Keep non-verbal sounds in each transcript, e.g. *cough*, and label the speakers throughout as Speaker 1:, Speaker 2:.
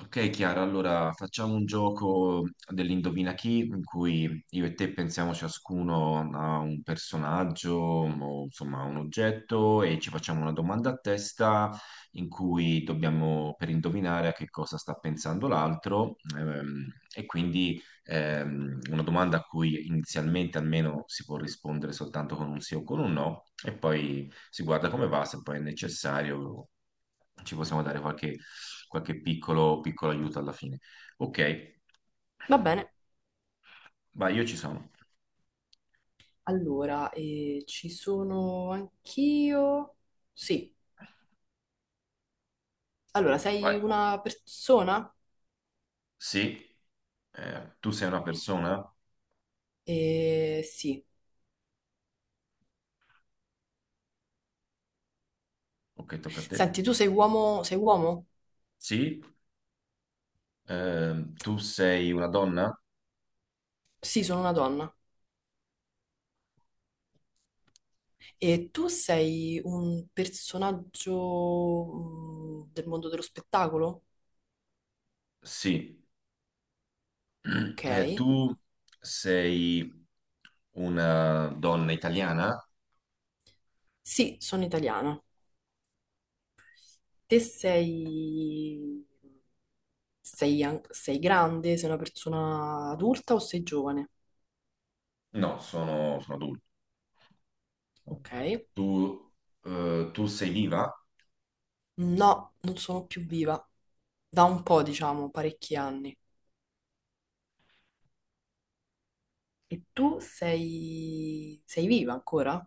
Speaker 1: Ok Chiara, allora facciamo un gioco dell'indovina chi, in cui io e te pensiamo ciascuno a un personaggio o insomma a un oggetto e ci facciamo una domanda a testa in cui dobbiamo per indovinare a che cosa sta pensando l'altro e quindi una domanda a cui inizialmente almeno si può rispondere soltanto con un sì o con un no e poi si guarda come va, se poi è necessario ci possiamo dare qualche piccolo, piccolo aiuto alla fine. Ok,
Speaker 2: Va bene.
Speaker 1: vai, io ci sono.
Speaker 2: Allora, ci sono anch'io. Sì. Allora, sei
Speaker 1: Vai.
Speaker 2: una persona?
Speaker 1: Sì, tu sei una persona?
Speaker 2: Sì.
Speaker 1: Ok, tocca a te.
Speaker 2: Senti, tu sei uomo? Sei uomo?
Speaker 1: Sì, tu sei una donna?
Speaker 2: Sì, sono una donna. E tu sei un personaggio del mondo dello spettacolo?
Speaker 1: Sì. *clears throat*
Speaker 2: Ok.
Speaker 1: Tu sei una donna italiana?
Speaker 2: Sì, sono italiana. Te sei... Sei grande? Sei una persona adulta o sei giovane?
Speaker 1: No, sono adulto.
Speaker 2: Ok.
Speaker 1: Tu, tu sei viva?
Speaker 2: No, non sono più viva. Da un po', diciamo, parecchi anni. E tu sei... sei viva ancora?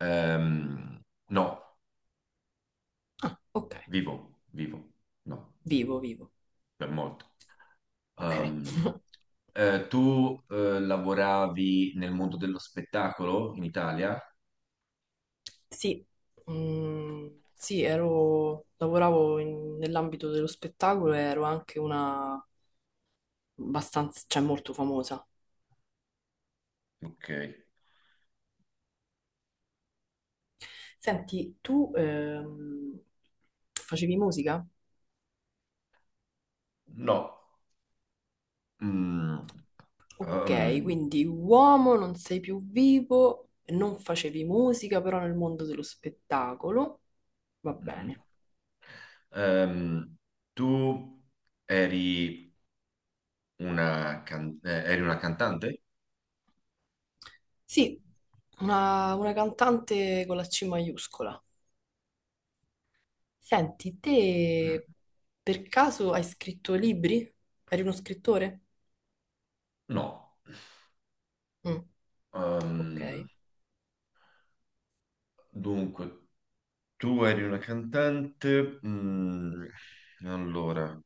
Speaker 1: Ehm, no,
Speaker 2: Ah, ok.
Speaker 1: vivo, vivo, no,
Speaker 2: Vivo, vivo.
Speaker 1: per molto.
Speaker 2: Ok.
Speaker 1: Ehm,
Speaker 2: *laughs*
Speaker 1: tu lavoravi nel mondo dello spettacolo in Italia?
Speaker 2: Sì. Sì, ero... nell'ambito dello spettacolo e ero anche una abbastanza, cioè molto famosa.
Speaker 1: Ok.
Speaker 2: Senti, tu facevi musica?
Speaker 1: No. Mm.
Speaker 2: Ok,
Speaker 1: um,
Speaker 2: quindi uomo, non sei più vivo, non facevi musica, però nel mondo dello spettacolo, va
Speaker 1: mhm.
Speaker 2: bene.
Speaker 1: Ehm, Tu eri una cantante?
Speaker 2: Sì, una cantante con la C maiuscola. Senti,
Speaker 1: Mm.
Speaker 2: te per caso hai scritto libri? Eri uno scrittore?
Speaker 1: No.
Speaker 2: Mm, ok.
Speaker 1: Ehm, dunque. Tu eri una cantante, allora,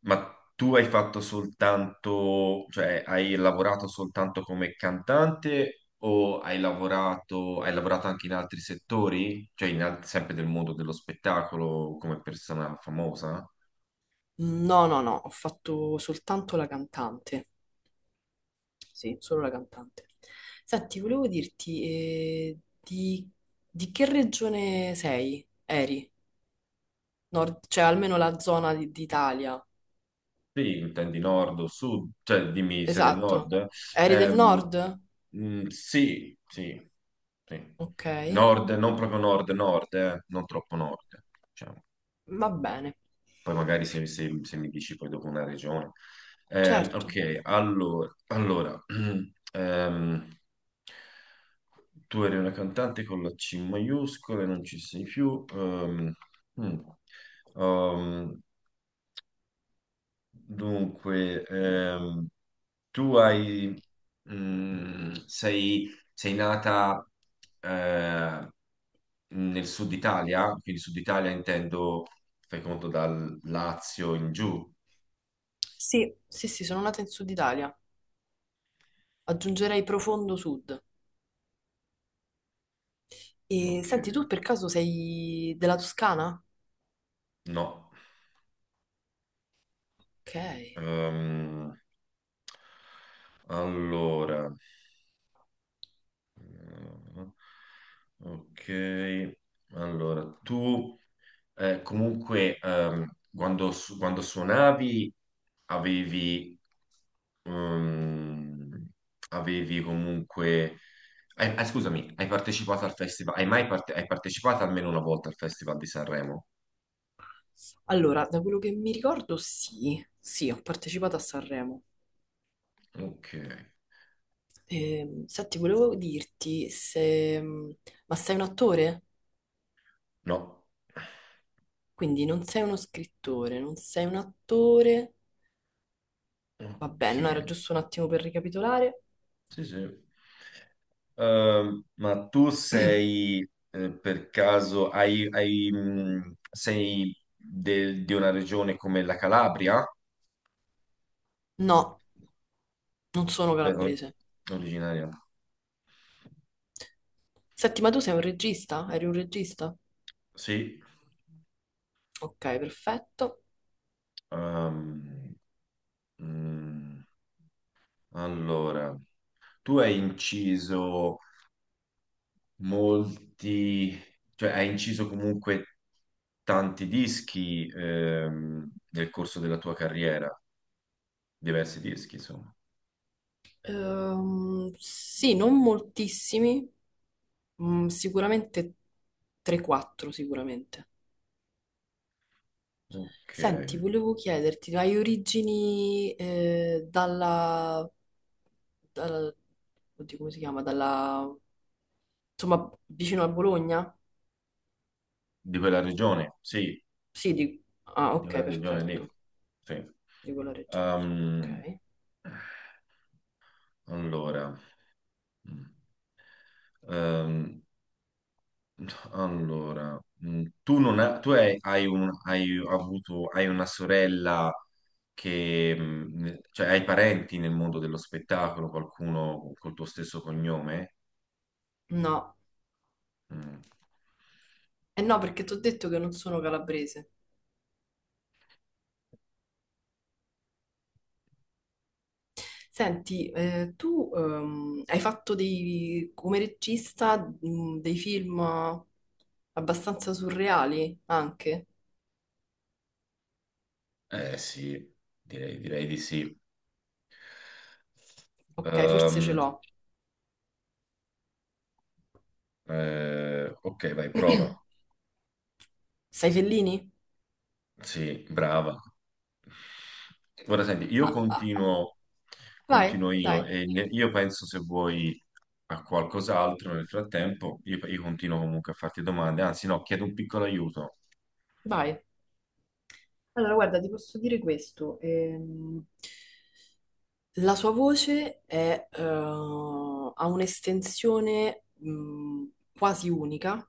Speaker 1: ma tu hai fatto soltanto, cioè hai lavorato soltanto come cantante o hai lavorato anche in altri settori? Cioè sempre del mondo dello spettacolo come persona famosa?
Speaker 2: No, no, no, ho fatto soltanto la cantante. Sì, solo la cantante. Senti, volevo dirti, di che regione sei? Eri? Nord, cioè almeno d'Italia.
Speaker 1: Sì, intendi nord o sud, cioè dimmi se del
Speaker 2: Esatto.
Speaker 1: nord.
Speaker 2: Eri del
Speaker 1: Ehm,
Speaker 2: nord?
Speaker 1: sì, sì, sì.
Speaker 2: Ok,
Speaker 1: Nord, non proprio nord, non troppo nord, diciamo.
Speaker 2: va bene.
Speaker 1: Poi magari se mi dici poi dopo una regione. Ehm,
Speaker 2: Certo.
Speaker 1: ok, allora, allora, *clears throat* ehm, tu eri una cantante con la C maiuscola e non ci sei più. Mm. Ehm, Dunque, tu hai, mm, sei, sei nata eh, nel sud Italia, quindi sud Italia intendo, fai conto, dal Lazio in giù.
Speaker 2: Sì, sì, sì, sono nata in Sud Italia. Aggiungerei profondo sud. E
Speaker 1: Ok,
Speaker 2: senti, tu per caso sei della Toscana?
Speaker 1: no.
Speaker 2: Ok.
Speaker 1: Ehm, allora. Ah, Ok, allora tu comunque quando suonavi avevi, ehm, avevi comunque. Scusami, hai partecipato al festival? Hai mai parte- hai partecipato almeno una volta al Festival di Sanremo?
Speaker 2: Allora, da quello che mi ricordo, sì, sì, ho partecipato a Sanremo.
Speaker 1: Ok,
Speaker 2: Senti, volevo dirti se... Ma sei un attore?
Speaker 1: no.
Speaker 2: Quindi non sei uno scrittore, non sei un attore. Va bene, no, era
Speaker 1: Ok,
Speaker 2: giusto un attimo per ricapitolare.
Speaker 1: sì, sì. Ma tu
Speaker 2: *clears throat*
Speaker 1: sei per caso sei di una regione come la Calabria?
Speaker 2: No, non sono
Speaker 1: Per-
Speaker 2: calabrese.
Speaker 1: Originaria?
Speaker 2: Senti, ma tu sei un regista? Eri un regista?
Speaker 1: Sì.
Speaker 2: Ok, perfetto.
Speaker 1: Ehm, mm, allora, tu hai inciso molti, cioè hai inciso comunque tanti dischi nel corso della tua carriera, diversi dischi, insomma.
Speaker 2: Sì, non moltissimi, sicuramente 3-4 sicuramente.
Speaker 1: Ok.
Speaker 2: Senti, volevo chiederti, hai origini dalla- oddio, come si chiama? Dalla, insomma, vicino a Bologna?
Speaker 1: Di quella regione, sì,
Speaker 2: Sì, di- ah,
Speaker 1: di
Speaker 2: ok,
Speaker 1: quella regione lì.
Speaker 2: perfetto.
Speaker 1: Sì.
Speaker 2: Di quella regione lì.
Speaker 1: Ehm,
Speaker 2: Ok.
Speaker 1: allora, mm, ehm, allora, tu, non ha- tu hai, hai un- hai avuto, hai una sorella che, cioè hai parenti nel mondo dello spettacolo, qualcuno col tuo stesso cognome?
Speaker 2: No,
Speaker 1: Mm.
Speaker 2: eh no, perché ti ho detto che non sono calabrese. Senti, tu hai fatto dei, come regista dei film abbastanza surreali anche?
Speaker 1: Eh sì, direi, di sì.
Speaker 2: Ok, forse ce
Speaker 1: Ehm,
Speaker 2: l'ho.
Speaker 1: ok, vai, prova.
Speaker 2: Sai Fellini?
Speaker 1: Sì, brava. Ora senti, io
Speaker 2: Ah,
Speaker 1: continuo,
Speaker 2: vai, dai,
Speaker 1: io penso se vuoi a qualcos'altro nel frattempo, io continuo comunque a farti domande, anzi no, chiedo un piccolo aiuto.
Speaker 2: vai. Allora, guarda, ti posso dire questo. La sua voce è, ha un'estensione quasi unica.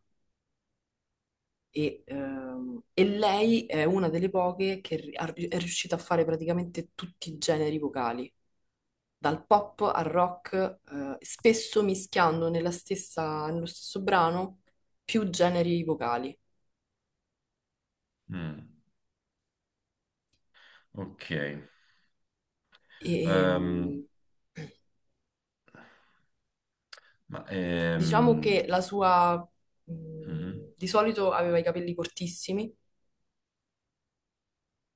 Speaker 2: E lei è una delle poche che è riuscita a fare praticamente tutti i generi vocali, dal pop al rock, spesso mischiando nello stesso brano più generi vocali.
Speaker 1: Mm, ok,
Speaker 2: E,
Speaker 1: Ehm, ma
Speaker 2: diciamo
Speaker 1: ehm,
Speaker 2: che
Speaker 1: mhm,
Speaker 2: di solito aveva i capelli cortissimi,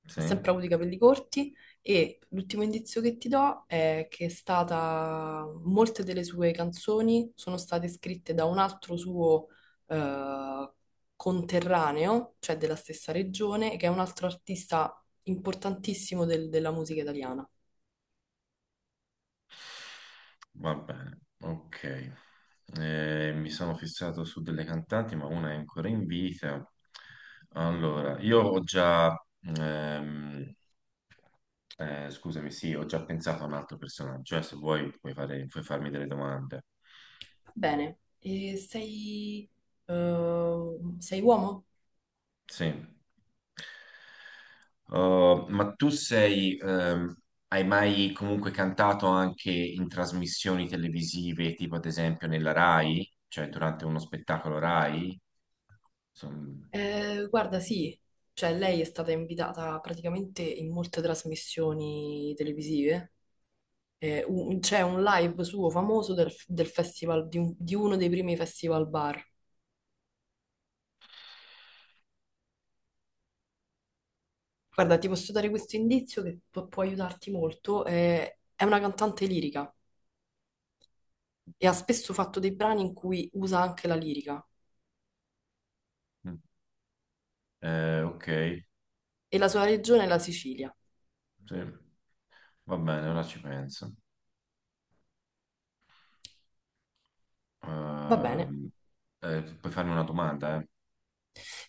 Speaker 1: sì,
Speaker 2: ha sempre avuto i capelli corti, e l'ultimo indizio che ti do è che è stata, molte delle sue canzoni sono state scritte da un altro suo eh, conterraneo, cioè della stessa regione, che è un altro artista importantissimo della musica italiana.
Speaker 1: va bene, ok. Mi sono fissato su delle cantanti, ma una è ancora in vita. Allora, ehm, scusami, sì, ho già pensato a un altro personaggio, se vuoi puoi farmi delle domande.
Speaker 2: Va bene, e sei, eh, sei uomo?
Speaker 1: Sì. Oh, hai mai comunque cantato anche in trasmissioni televisive, tipo ad esempio nella Rai, cioè durante uno spettacolo Rai? Insomma,
Speaker 2: Guarda, sì. Cioè, lei è stata invitata praticamente in molte trasmissioni televisive, c'è un live suo famoso del festival, di uno dei primi festival bar. Guarda, ti posso dare questo indizio che può aiutarti molto. Eh, è una cantante lirica e ha spesso fatto dei brani in cui usa anche la lirica,
Speaker 1: mm. Ok,
Speaker 2: e la sua regione è la Sicilia.
Speaker 1: sì. Va bene, ora ci penso.
Speaker 2: Va bene.
Speaker 1: Ehm, Puoi farmi una domanda, eh?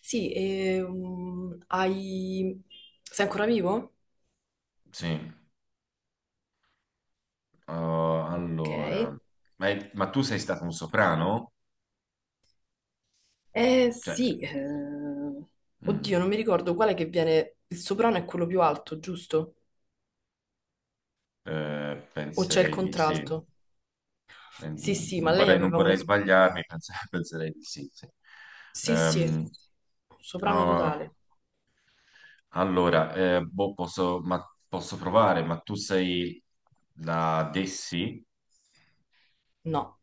Speaker 2: Sì, hai... Sei ancora vivo?
Speaker 1: Sì. Oh,
Speaker 2: Ok.
Speaker 1: allora, ma tu sei stato un soprano?
Speaker 2: Eh
Speaker 1: Cioè,
Speaker 2: sì, oddio,
Speaker 1: mm,
Speaker 2: non mi ricordo quale che viene, il soprano è quello più alto, giusto? O c'è il
Speaker 1: penserei di sì. Eh,
Speaker 2: contralto? Sì, sì, ma
Speaker 1: Non
Speaker 2: lei
Speaker 1: vorrei, non
Speaker 2: aveva un...
Speaker 1: vorrei sbagliarmi, *laughs* penserei di sì, sì.
Speaker 2: Sì, sì,
Speaker 1: Ehm,
Speaker 2: soprano
Speaker 1: oh,
Speaker 2: totale.
Speaker 1: allora, boh, posso provare, ma tu sei la Dessi?
Speaker 2: No,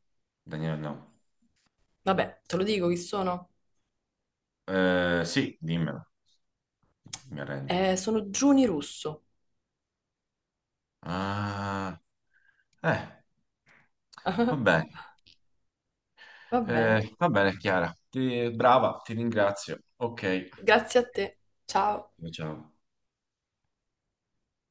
Speaker 1: Daniela, no.
Speaker 2: vabbè, te lo dico chi sono?
Speaker 1: Sì, dimmelo, mi arrendo.
Speaker 2: Sono Giuni Russo.
Speaker 1: Ah, eh, va
Speaker 2: *laughs*
Speaker 1: bene.
Speaker 2: Va bene,
Speaker 1: Va bene, Chiara. Brava, ti ringrazio. Ok.
Speaker 2: grazie a te. Ciao.
Speaker 1: Ciao.